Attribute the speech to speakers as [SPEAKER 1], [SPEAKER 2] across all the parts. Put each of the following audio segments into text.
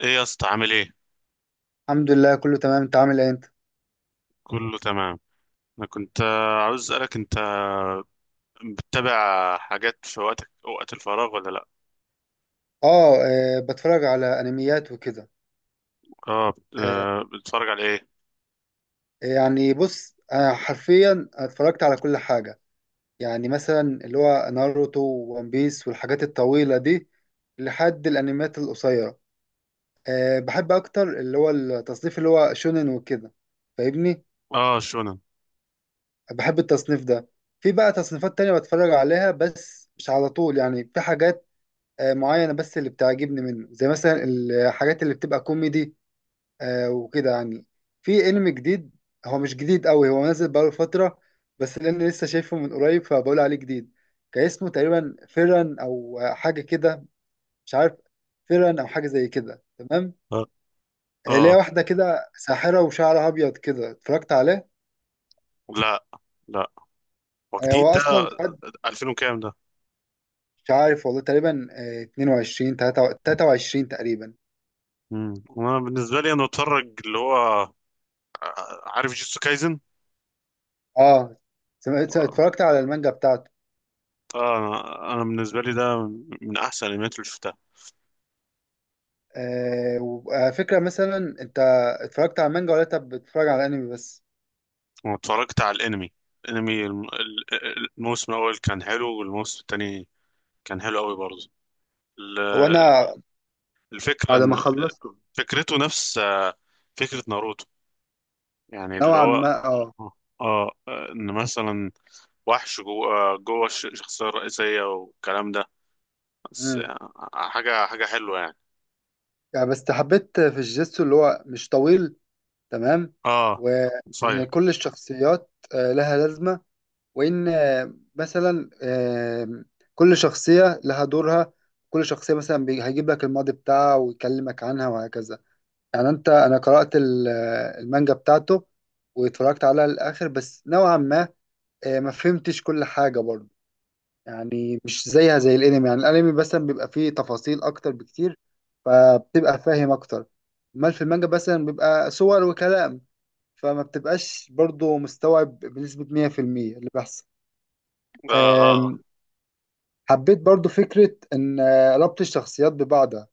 [SPEAKER 1] ايه يا اسطى، عامل ايه؟
[SPEAKER 2] الحمد لله، كله تمام. انت عامل ايه انت؟
[SPEAKER 1] كله تمام. انا كنت عاوز اسالك، انت بتتابع حاجات في وقتك، وقت الفراغ ولا لا؟
[SPEAKER 2] اه، بتفرج على انميات وكده.
[SPEAKER 1] اه،
[SPEAKER 2] آه،
[SPEAKER 1] بتتفرج على ايه؟
[SPEAKER 2] يعني بص، انا حرفيا اتفرجت على كل حاجه. يعني مثلا اللي هو ناروتو وون بيس والحاجات الطويله دي لحد الانميات القصيره. بحب اكتر اللي هو التصنيف اللي هو شونن وكده. فاهمني؟
[SPEAKER 1] اه، شونن.
[SPEAKER 2] بحب التصنيف ده. في بقى تصنيفات تانية بتفرج عليها بس مش على طول، يعني في حاجات معينة، بس اللي بتعجبني منه زي مثلا الحاجات اللي بتبقى كوميدي وكده يعني. في انمي جديد، هو مش جديد قوي، هو نازل بقاله فترة، بس لأن لسه شايفه من قريب فبقول عليه جديد. كان اسمه تقريبا فيران أو حاجة كده، مش عارف. فيران أو حاجة زي كده، تمام.
[SPEAKER 1] اه، آه،
[SPEAKER 2] ليها واحدة كده ساحرة وشعرها أبيض كده، اتفرجت عليه.
[SPEAKER 1] لا لا، هو
[SPEAKER 2] هو
[SPEAKER 1] جديد ده؟
[SPEAKER 2] أصلا خد،
[SPEAKER 1] 2000 وكام ده؟
[SPEAKER 2] مش عارف والله، تقريبا 22 23 تقريبا.
[SPEAKER 1] مم. انا بالنسبه لي، انا بتفرج اللي هو، عارف جيتسو كايزن؟
[SPEAKER 2] اه،
[SPEAKER 1] اه،
[SPEAKER 2] اتفرجت على المانجا بتاعته.
[SPEAKER 1] انا بالنسبه لي ده من احسن الانميات اللي شفتها.
[SPEAKER 2] وعلى فكرة، مثلا انت اتفرجت على المانجا ولا انت بتتفرج على الانمي بس؟
[SPEAKER 1] واتفرجت على الانمي، الموسم الاول كان حلو، والموسم الثاني كان حلو قوي برضه.
[SPEAKER 2] هو
[SPEAKER 1] ال-
[SPEAKER 2] انا
[SPEAKER 1] الفكرة
[SPEAKER 2] بعد ما
[SPEAKER 1] ان
[SPEAKER 2] خلصته
[SPEAKER 1] فكرته نفس فكرة ناروتو. يعني اللي
[SPEAKER 2] نوعا
[SPEAKER 1] هو،
[SPEAKER 2] ما، اه.
[SPEAKER 1] اه، ان مثلا وحش جوه جوه الشخصية الرئيسية والكلام ده. بس
[SPEAKER 2] امم
[SPEAKER 1] حاجة حلوة يعني.
[SPEAKER 2] يعني بس حبيت في الجيتسو اللي هو مش طويل، تمام.
[SPEAKER 1] اه،
[SPEAKER 2] وان
[SPEAKER 1] صاير.
[SPEAKER 2] كل الشخصيات لها لازمه. وان مثلا كل شخصيه لها دورها. كل شخصيه مثلا هيجيب لك الماضي بتاعها ويكلمك عنها وهكذا. يعني، انا قرات المانجا بتاعته واتفرجت عليها للاخر، بس نوعا ما ما فهمتش كل حاجه برضه. يعني مش زيها زي الانمي. يعني الانمي مثلا بيبقى فيه تفاصيل اكتر بكتير، فبتبقى فاهم اكتر. امال في المانجا مثلا بيبقى صور وكلام، فما بتبقاش برضو مستوعب بنسبة 100%، اللي بيحصل.
[SPEAKER 1] اه، اه،
[SPEAKER 2] أم، حبيت برضو فكرة ان ربط الشخصيات ببعضها.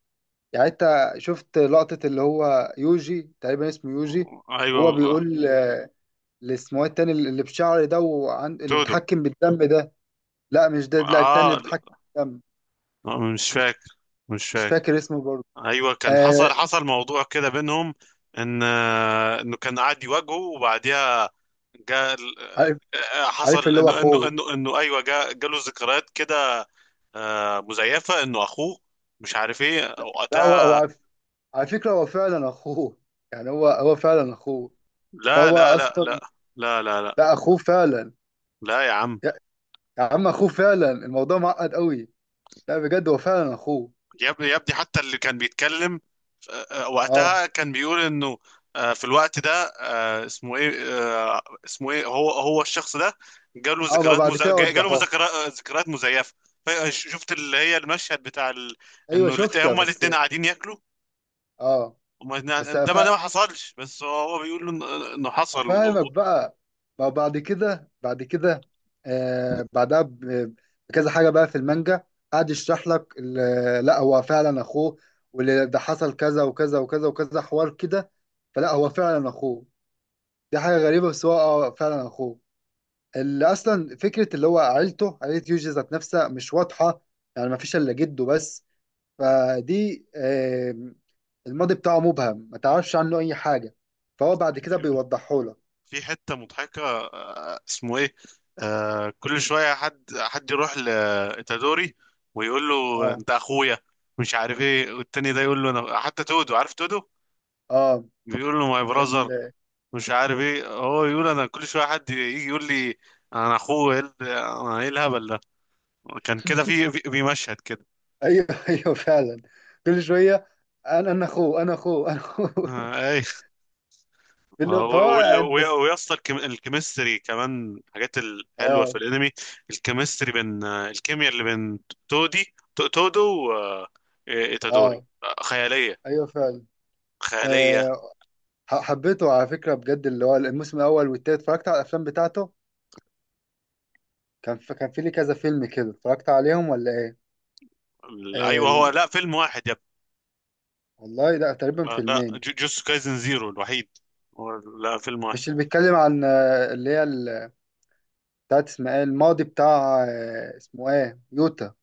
[SPEAKER 2] يعني انت شفت لقطة اللي هو يوجي، تقريبا اسمه يوجي.
[SPEAKER 1] ايوه
[SPEAKER 2] هو بيقول اللي اسمه التاني اللي بشعر ده اللي
[SPEAKER 1] تودو.
[SPEAKER 2] بيتحكم بالدم ده. لا، مش ده، لا التاني اللي
[SPEAKER 1] اه.
[SPEAKER 2] بيتحكم بالدم.
[SPEAKER 1] لا، مش فاكر. مش
[SPEAKER 2] مش
[SPEAKER 1] فاكر.
[SPEAKER 2] فاكر اسمه برضه.
[SPEAKER 1] ايوه، كان
[SPEAKER 2] آه
[SPEAKER 1] حصل موضوع كده بينهم. ان انه كان قاعد يواجهه، وبعديها جاء ال-
[SPEAKER 2] عارف
[SPEAKER 1] آه،
[SPEAKER 2] عارف
[SPEAKER 1] حصل
[SPEAKER 2] اللي هو
[SPEAKER 1] انه
[SPEAKER 2] اخوه.
[SPEAKER 1] ايوه، جاله ذكريات كده. مزيفه، انه اخوه، مش عارف ايه
[SPEAKER 2] لا، هو
[SPEAKER 1] وقتها.
[SPEAKER 2] عارف. على فكره هو فعلا اخوه. يعني هو فعلا اخوه.
[SPEAKER 1] لا
[SPEAKER 2] فهو
[SPEAKER 1] لا لا لا.
[SPEAKER 2] اصلا،
[SPEAKER 1] لا لا لا لا.
[SPEAKER 2] لا اخوه فعلا.
[SPEAKER 1] لا يا عم.
[SPEAKER 2] يا, يا عم، اخوه فعلا، الموضوع معقد قوي. لا، بجد هو فعلا اخوه.
[SPEAKER 1] يا ابني يا ابني، حتى اللي كان بيتكلم، آه،
[SPEAKER 2] اه،
[SPEAKER 1] وقتها كان بيقول انه في الوقت ده، اسمه ايه، هو الشخص ده جاله
[SPEAKER 2] اه، ما
[SPEAKER 1] ذكريات
[SPEAKER 2] بعد كده
[SPEAKER 1] جاله
[SPEAKER 2] وضحوه.
[SPEAKER 1] ذكريات مزيفه. شفت اللي هي المشهد بتاع، ال...
[SPEAKER 2] ايوه
[SPEAKER 1] انه
[SPEAKER 2] شفتها
[SPEAKER 1] هما
[SPEAKER 2] بس.
[SPEAKER 1] الاثنين قاعدين ياكلوا.
[SPEAKER 2] اه،
[SPEAKER 1] هما الاتنين
[SPEAKER 2] بس
[SPEAKER 1] قاعدين، ده ما حصلش، بس هو بيقول له انه حصل. و...
[SPEAKER 2] افهمك
[SPEAKER 1] و...
[SPEAKER 2] بقى. ما هو بعد كده، بعدها بكذا حاجه بقى في المانجا، قعد يشرح لك لا هو فعلا اخوه، واللي ده حصل كذا وكذا وكذا وكذا حوار كده. فلا، هو فعلا اخوه. دي حاجه غريبه، بس هو اه فعلا اخوه. اللي اصلا فكره اللي هو عيلته، عيله يوجي ذات نفسها مش واضحه. يعني ما فيش الا جده بس، فدي الماضي بتاعه مبهم، ما تعرفش عنه اي حاجه، فهو بعد كده بيوضحه لك.
[SPEAKER 1] في حتة مضحكة، اسمه ايه، كل شوية حد يروح لإتادوري ويقول له
[SPEAKER 2] اه،
[SPEAKER 1] انت اخويا، مش عارف ايه، والتاني ده يقول له انا، حتى تودو، عارف تودو؟
[SPEAKER 2] اه،
[SPEAKER 1] بيقول له ماي
[SPEAKER 2] ال...
[SPEAKER 1] براذر. مش عارف ايه، هو يقول انا كل شوية حد يجي يقول لي انا اخوه، ايه انا ايه الهبل ده؟ كان كده، في مشهد كده.
[SPEAKER 2] ايوه، ايوه، فعلا. كل شويه، انا اخوه، انا اخوه، انا اخوه
[SPEAKER 1] آه، آه،
[SPEAKER 2] فهو
[SPEAKER 1] و- وال-
[SPEAKER 2] قاعد
[SPEAKER 1] و-
[SPEAKER 2] بس.
[SPEAKER 1] ويا اسطى، الكيمستري كمان حاجات الحلوه في
[SPEAKER 2] اه،
[SPEAKER 1] الانمي. الكيمستري بين، الكيمياء اللي بين تودو وإيتادوري،
[SPEAKER 2] اه،
[SPEAKER 1] خياليه.
[SPEAKER 2] ايوه فعلا.
[SPEAKER 1] خياليه.
[SPEAKER 2] أه حبيته على فكره بجد، اللي هو الموسم الاول والتالت، اتفرجت على الافلام بتاعته. كان في لي كذا فيلم كده، اتفرجت عليهم ولا ايه؟ آه
[SPEAKER 1] ايوه، هو،
[SPEAKER 2] ال...
[SPEAKER 1] لا فيلم واحد يا ابني.
[SPEAKER 2] والله لا، تقريبا
[SPEAKER 1] لا،
[SPEAKER 2] فيلمين.
[SPEAKER 1] جوتسو كايزن زيرو الوحيد هو. لا، فيلم واحد.
[SPEAKER 2] مش اللي بيتكلم عن اللي هي بتاعت اسمها ايه، الماضي بتاع اسمه ايه يوتا؟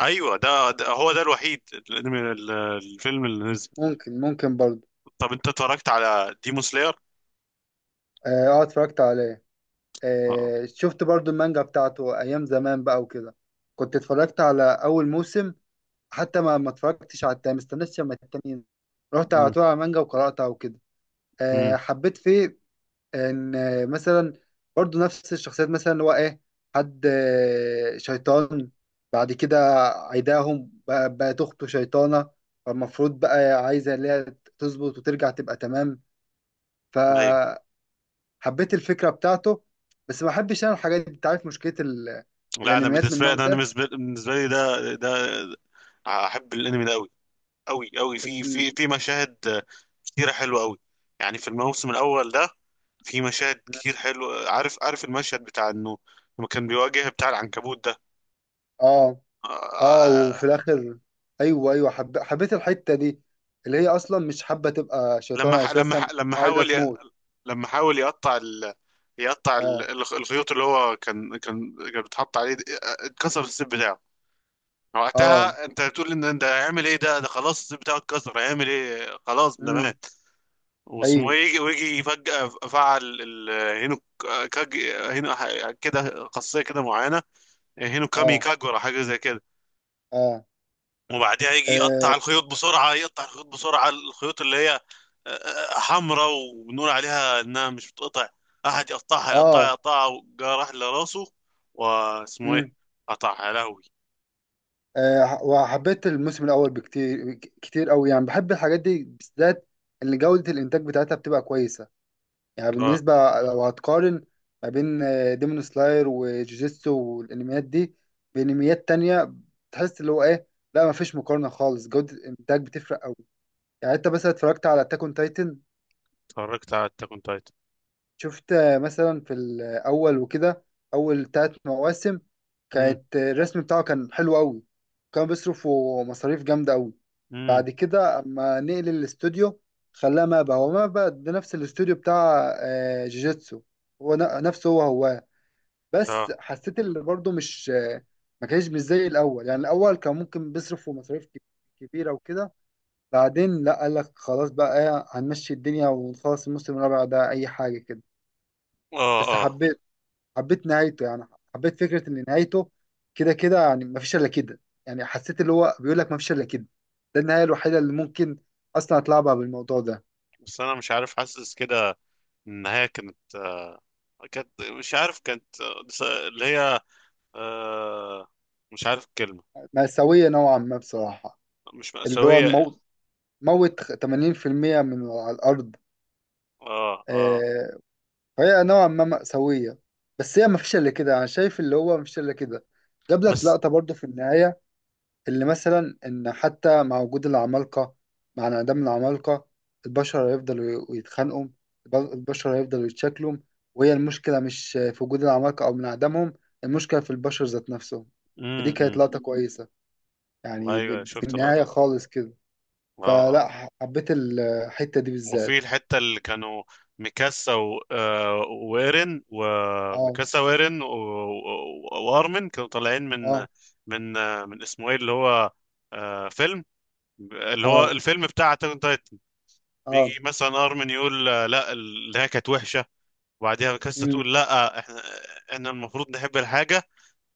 [SPEAKER 1] ايوه ده، هو ده الوحيد الانمي، الفيلم اللي نزل.
[SPEAKER 2] ممكن برضه.
[SPEAKER 1] طب انت اتفرجت على ديمون سلاير؟
[SPEAKER 2] اه، اتفرجت عليه.
[SPEAKER 1] اه.
[SPEAKER 2] شفت برضو المانجا بتاعته ايام زمان بقى وكده. كنت اتفرجت على اول موسم، حتى ما اتفرجتش على التاني، مستنيش لما التاني ينزل. رحت على طول على المانجا وقراتها وكده.
[SPEAKER 1] امم
[SPEAKER 2] حبيت فيه ان مثلا برضو نفس الشخصيات، مثلا اللي هو ايه، حد شيطان. بعد كده بقت اخته شيطانة. فالمفروض بقى عايزة اللي هي تظبط وترجع تبقى تمام. ف حبيت الفكرة بتاعته، بس ما بحبش انا الحاجات دي، انت عارف مشكلة
[SPEAKER 1] لا، انا
[SPEAKER 2] الانميات من
[SPEAKER 1] بالنسبه لي،
[SPEAKER 2] النوع
[SPEAKER 1] انا أنا
[SPEAKER 2] ده.
[SPEAKER 1] بالنسبه بالنسبة لي ده، احب الانمي ده قوي. قوي قوي، في
[SPEAKER 2] ال...
[SPEAKER 1] مشاهد كتيره حلوه قوي. يعني في الموسم الاول ده في مشاهد كتير حلوه، عارف المشهد بتاع انه لما كان بيواجه بتاع العنكبوت ده؟
[SPEAKER 2] اه،
[SPEAKER 1] آه،
[SPEAKER 2] اه،
[SPEAKER 1] آه،
[SPEAKER 2] وفي الاخر، ايوه، ايوه، حبيت الحتة دي، اللي هي اصلا مش حابة تبقى
[SPEAKER 1] لما
[SPEAKER 2] شيطانة
[SPEAKER 1] ح- لما
[SPEAKER 2] اساسا،
[SPEAKER 1] ح- لما
[SPEAKER 2] عايزة
[SPEAKER 1] حاول ي-
[SPEAKER 2] تموت.
[SPEAKER 1] لما حاول يقطع، ال... يقطع ال-
[SPEAKER 2] اه،
[SPEAKER 1] الخيوط اللي هو كان بيتحط عليه دي، اتكسر السيب بتاعه.
[SPEAKER 2] اه،
[SPEAKER 1] وقتها انت بتقول ان ده هيعمل ايه؟ ده خلاص، الصيت بتاعه اتكسر، هيعمل ايه؟ خلاص ده
[SPEAKER 2] امم،
[SPEAKER 1] مات. واسمه
[SPEAKER 2] ايوه،
[SPEAKER 1] ايه، ويجي فجأة فعل هينو كاج. كده خاصية كده معينة، هينو كامي
[SPEAKER 2] اه،
[SPEAKER 1] كاج، ولا حاجة زي كده.
[SPEAKER 2] اه،
[SPEAKER 1] وبعديها يجي
[SPEAKER 2] اه،
[SPEAKER 1] يقطع الخيوط بسرعة، يقطع الخيوط بسرعة، الخيوط اللي هي حمراء وبنقول عليها انها مش بتقطع، احد يقطعها، يقطعها،
[SPEAKER 2] اه،
[SPEAKER 1] يقطعها، جه راح لراسه، واسمه ايه،
[SPEAKER 2] امم
[SPEAKER 1] قطعها يا لهوي.
[SPEAKER 2] وحبيت الموسم الاول بكتير كتير قوي، يعني بحب الحاجات دي بالذات، اللي جودة الانتاج بتاعتها بتبقى كويسة. يعني
[SPEAKER 1] اه.
[SPEAKER 2] بالنسبة لو هتقارن ما بين ديمون سلاير وجوجيتسو والانميات دي بانميات تانية، تحس اللي هو ايه؟ لا، ما فيش مقارنة خالص، جودة الانتاج بتفرق قوي. يعني انت مثلا اتفرجت على اتاك اون تايتن.
[SPEAKER 1] اتفرجت على التاكون تايتن.
[SPEAKER 2] شفت مثلا في الاول وكده، اول 3 مواسم،
[SPEAKER 1] مم.
[SPEAKER 2] كانت الرسم بتاعه كان حلو قوي، كان بيصرفوا مصاريف جامدة قوي.
[SPEAKER 1] مم.
[SPEAKER 2] بعد كده اما نقل الاستوديو خلاه مابا، هو مابا ده نفس الاستوديو بتاع جوجيتسو، هو نفسه هو. بس
[SPEAKER 1] اه
[SPEAKER 2] حسيت اللي برضه مش، ما كانش مش زي الاول. يعني الاول كان ممكن بيصرف في مصاريف كبيره وكده. بعدين لا، قال لك خلاص بقى إيه، هنمشي الدنيا ونخلص الموسم الرابع ده اي حاجه كده.
[SPEAKER 1] اه
[SPEAKER 2] بس
[SPEAKER 1] اه.
[SPEAKER 2] حبيت نهايته يعني. حبيت فكره ان نهايته كده كده، يعني ما فيش الا كده. يعني حسيت اللي هو بيقول لك ما فيش الا كده، ده النهايه الوحيده اللي ممكن اصلا اتلعبها بالموضوع ده.
[SPEAKER 1] بس انا مش عارف، حاسس كده النهاية كانت، كانت، مش عارف، كانت، اللي هي، آه مش عارف الكلمة.
[SPEAKER 2] مأساوية نوعا ما بصراحه،
[SPEAKER 1] مش
[SPEAKER 2] اللي هو
[SPEAKER 1] مأساوية.
[SPEAKER 2] موت 80% من على الارض.
[SPEAKER 1] اه اه.
[SPEAKER 2] آه، هي نوعا ما مأساوية، بس هي مفيش إلا كده، أنا شايف اللي هو مفيش إلا كده. جاب لك
[SPEAKER 1] بس.
[SPEAKER 2] لقطة برضه في النهاية، اللي مثلا إن حتى مع وجود العمالقة، مع انعدام العمالقة البشر هيفضلوا يتخانقوا، البشر هيفضلوا يتشكلوا. وهي المشكلة مش في وجود العمالقة أو من عدمهم، المشكلة في البشر ذات نفسهم. فدي كانت
[SPEAKER 1] امم
[SPEAKER 2] لقطة كويسة، يعني
[SPEAKER 1] ايوه،
[SPEAKER 2] في
[SPEAKER 1] شفت
[SPEAKER 2] النهاية
[SPEAKER 1] اللقطة دي.
[SPEAKER 2] خالص كده.
[SPEAKER 1] اه اه.
[SPEAKER 2] فلا، حبيت الحتة دي
[SPEAKER 1] وفي
[SPEAKER 2] بالذات.
[SPEAKER 1] الحتة اللي كانوا ميكاسا، و... آه وإيرين،
[SPEAKER 2] اه،
[SPEAKER 1] وميكاسا وإيرين و... و... وأرمن كانوا طالعين من،
[SPEAKER 2] اه،
[SPEAKER 1] من اسمه ايه، اللي هو فيلم، اللي هو
[SPEAKER 2] اه،
[SPEAKER 1] الفيلم بتاع أتاك. بيجي
[SPEAKER 2] اه،
[SPEAKER 1] مثلا ارمن يقول، لا، اللي هي كانت وحشه، وبعديها كاستا
[SPEAKER 2] مم.
[SPEAKER 1] تقول لا، احنا المفروض نحب الحاجه،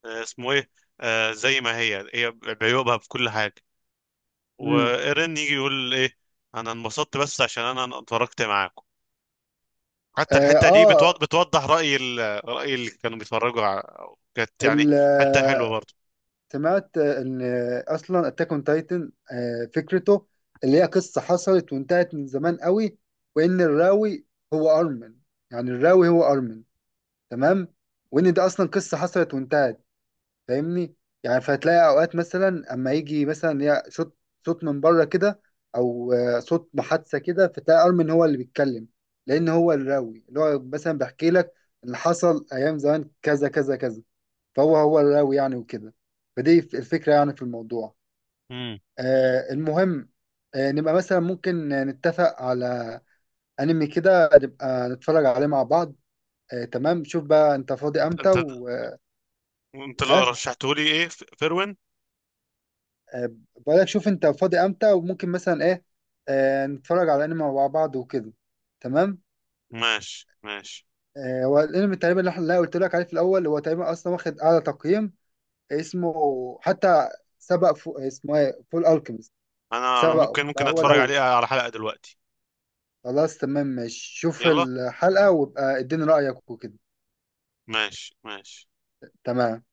[SPEAKER 1] آه، اسمه ايه آه، زي ما هي، بعيوبها في كل حاجه.
[SPEAKER 2] مم.
[SPEAKER 1] وايرين يجي يقول ايه؟ انا انبسطت بس عشان انا اتفرجت معاكم. حتى
[SPEAKER 2] اه،
[SPEAKER 1] الحته دي بتوضح، راي، ال... راي اللي كانوا بيتفرجوا كانت يعني
[SPEAKER 2] ال-
[SPEAKER 1] حته حلوه
[SPEAKER 2] آه،
[SPEAKER 1] برضه.
[SPEAKER 2] سمعت ان اصلا اتاك اون تايتن فكرته اللي هي قصه حصلت وانتهت من زمان قوي، وان الراوي هو ارمن. يعني الراوي هو ارمن، تمام. وان ده اصلا قصه حصلت وانتهت، فاهمني؟ يعني فهتلاقي اوقات مثلا اما يجي مثلا يا صوت، صوت من بره كده، او صوت محادثه كده، فتلاقي ارمن هو اللي بيتكلم، لان هو الراوي اللي هو مثلا بيحكي لك اللي حصل ايام زمان، كذا كذا كذا. فهو هو الراوي، يعني وكده. فدي الفكرة، يعني في الموضوع.
[SPEAKER 1] امم
[SPEAKER 2] المهم، نبقى مثلا ممكن نتفق على أنمي كده، نبقى نتفرج عليه مع بعض. تمام، شوف بقى أنت فاضي
[SPEAKER 1] انت
[SPEAKER 2] أمتى
[SPEAKER 1] انت
[SPEAKER 2] و،
[SPEAKER 1] انت لو
[SPEAKER 2] آه
[SPEAKER 1] رشحته لي ايه، فروين؟
[SPEAKER 2] آه، بقولك، شوف أنت فاضي أمتى وممكن مثلا إيه، نتفرج على أنمي مع بعض وكده، تمام.
[SPEAKER 1] ماشي ماشي.
[SPEAKER 2] هو الأنمي تقريبا اللي اللي أنا قلت لك عليه في الأول، هو تقريبا أصلا واخد أعلى تقييم. اسمه، حتى سبق فو اسمه إيه، فول ألكيميست.
[SPEAKER 1] انا
[SPEAKER 2] سبقه
[SPEAKER 1] ممكن
[SPEAKER 2] بقى هو
[SPEAKER 1] اتفرج
[SPEAKER 2] الأول.
[SPEAKER 1] عليه على حلقه دلوقتي.
[SPEAKER 2] خلاص، تمام، ماشي، شوف
[SPEAKER 1] يلا،
[SPEAKER 2] الحلقة وابقى اديني رأيك وكده.
[SPEAKER 1] ماشي ماشي.
[SPEAKER 2] تمام.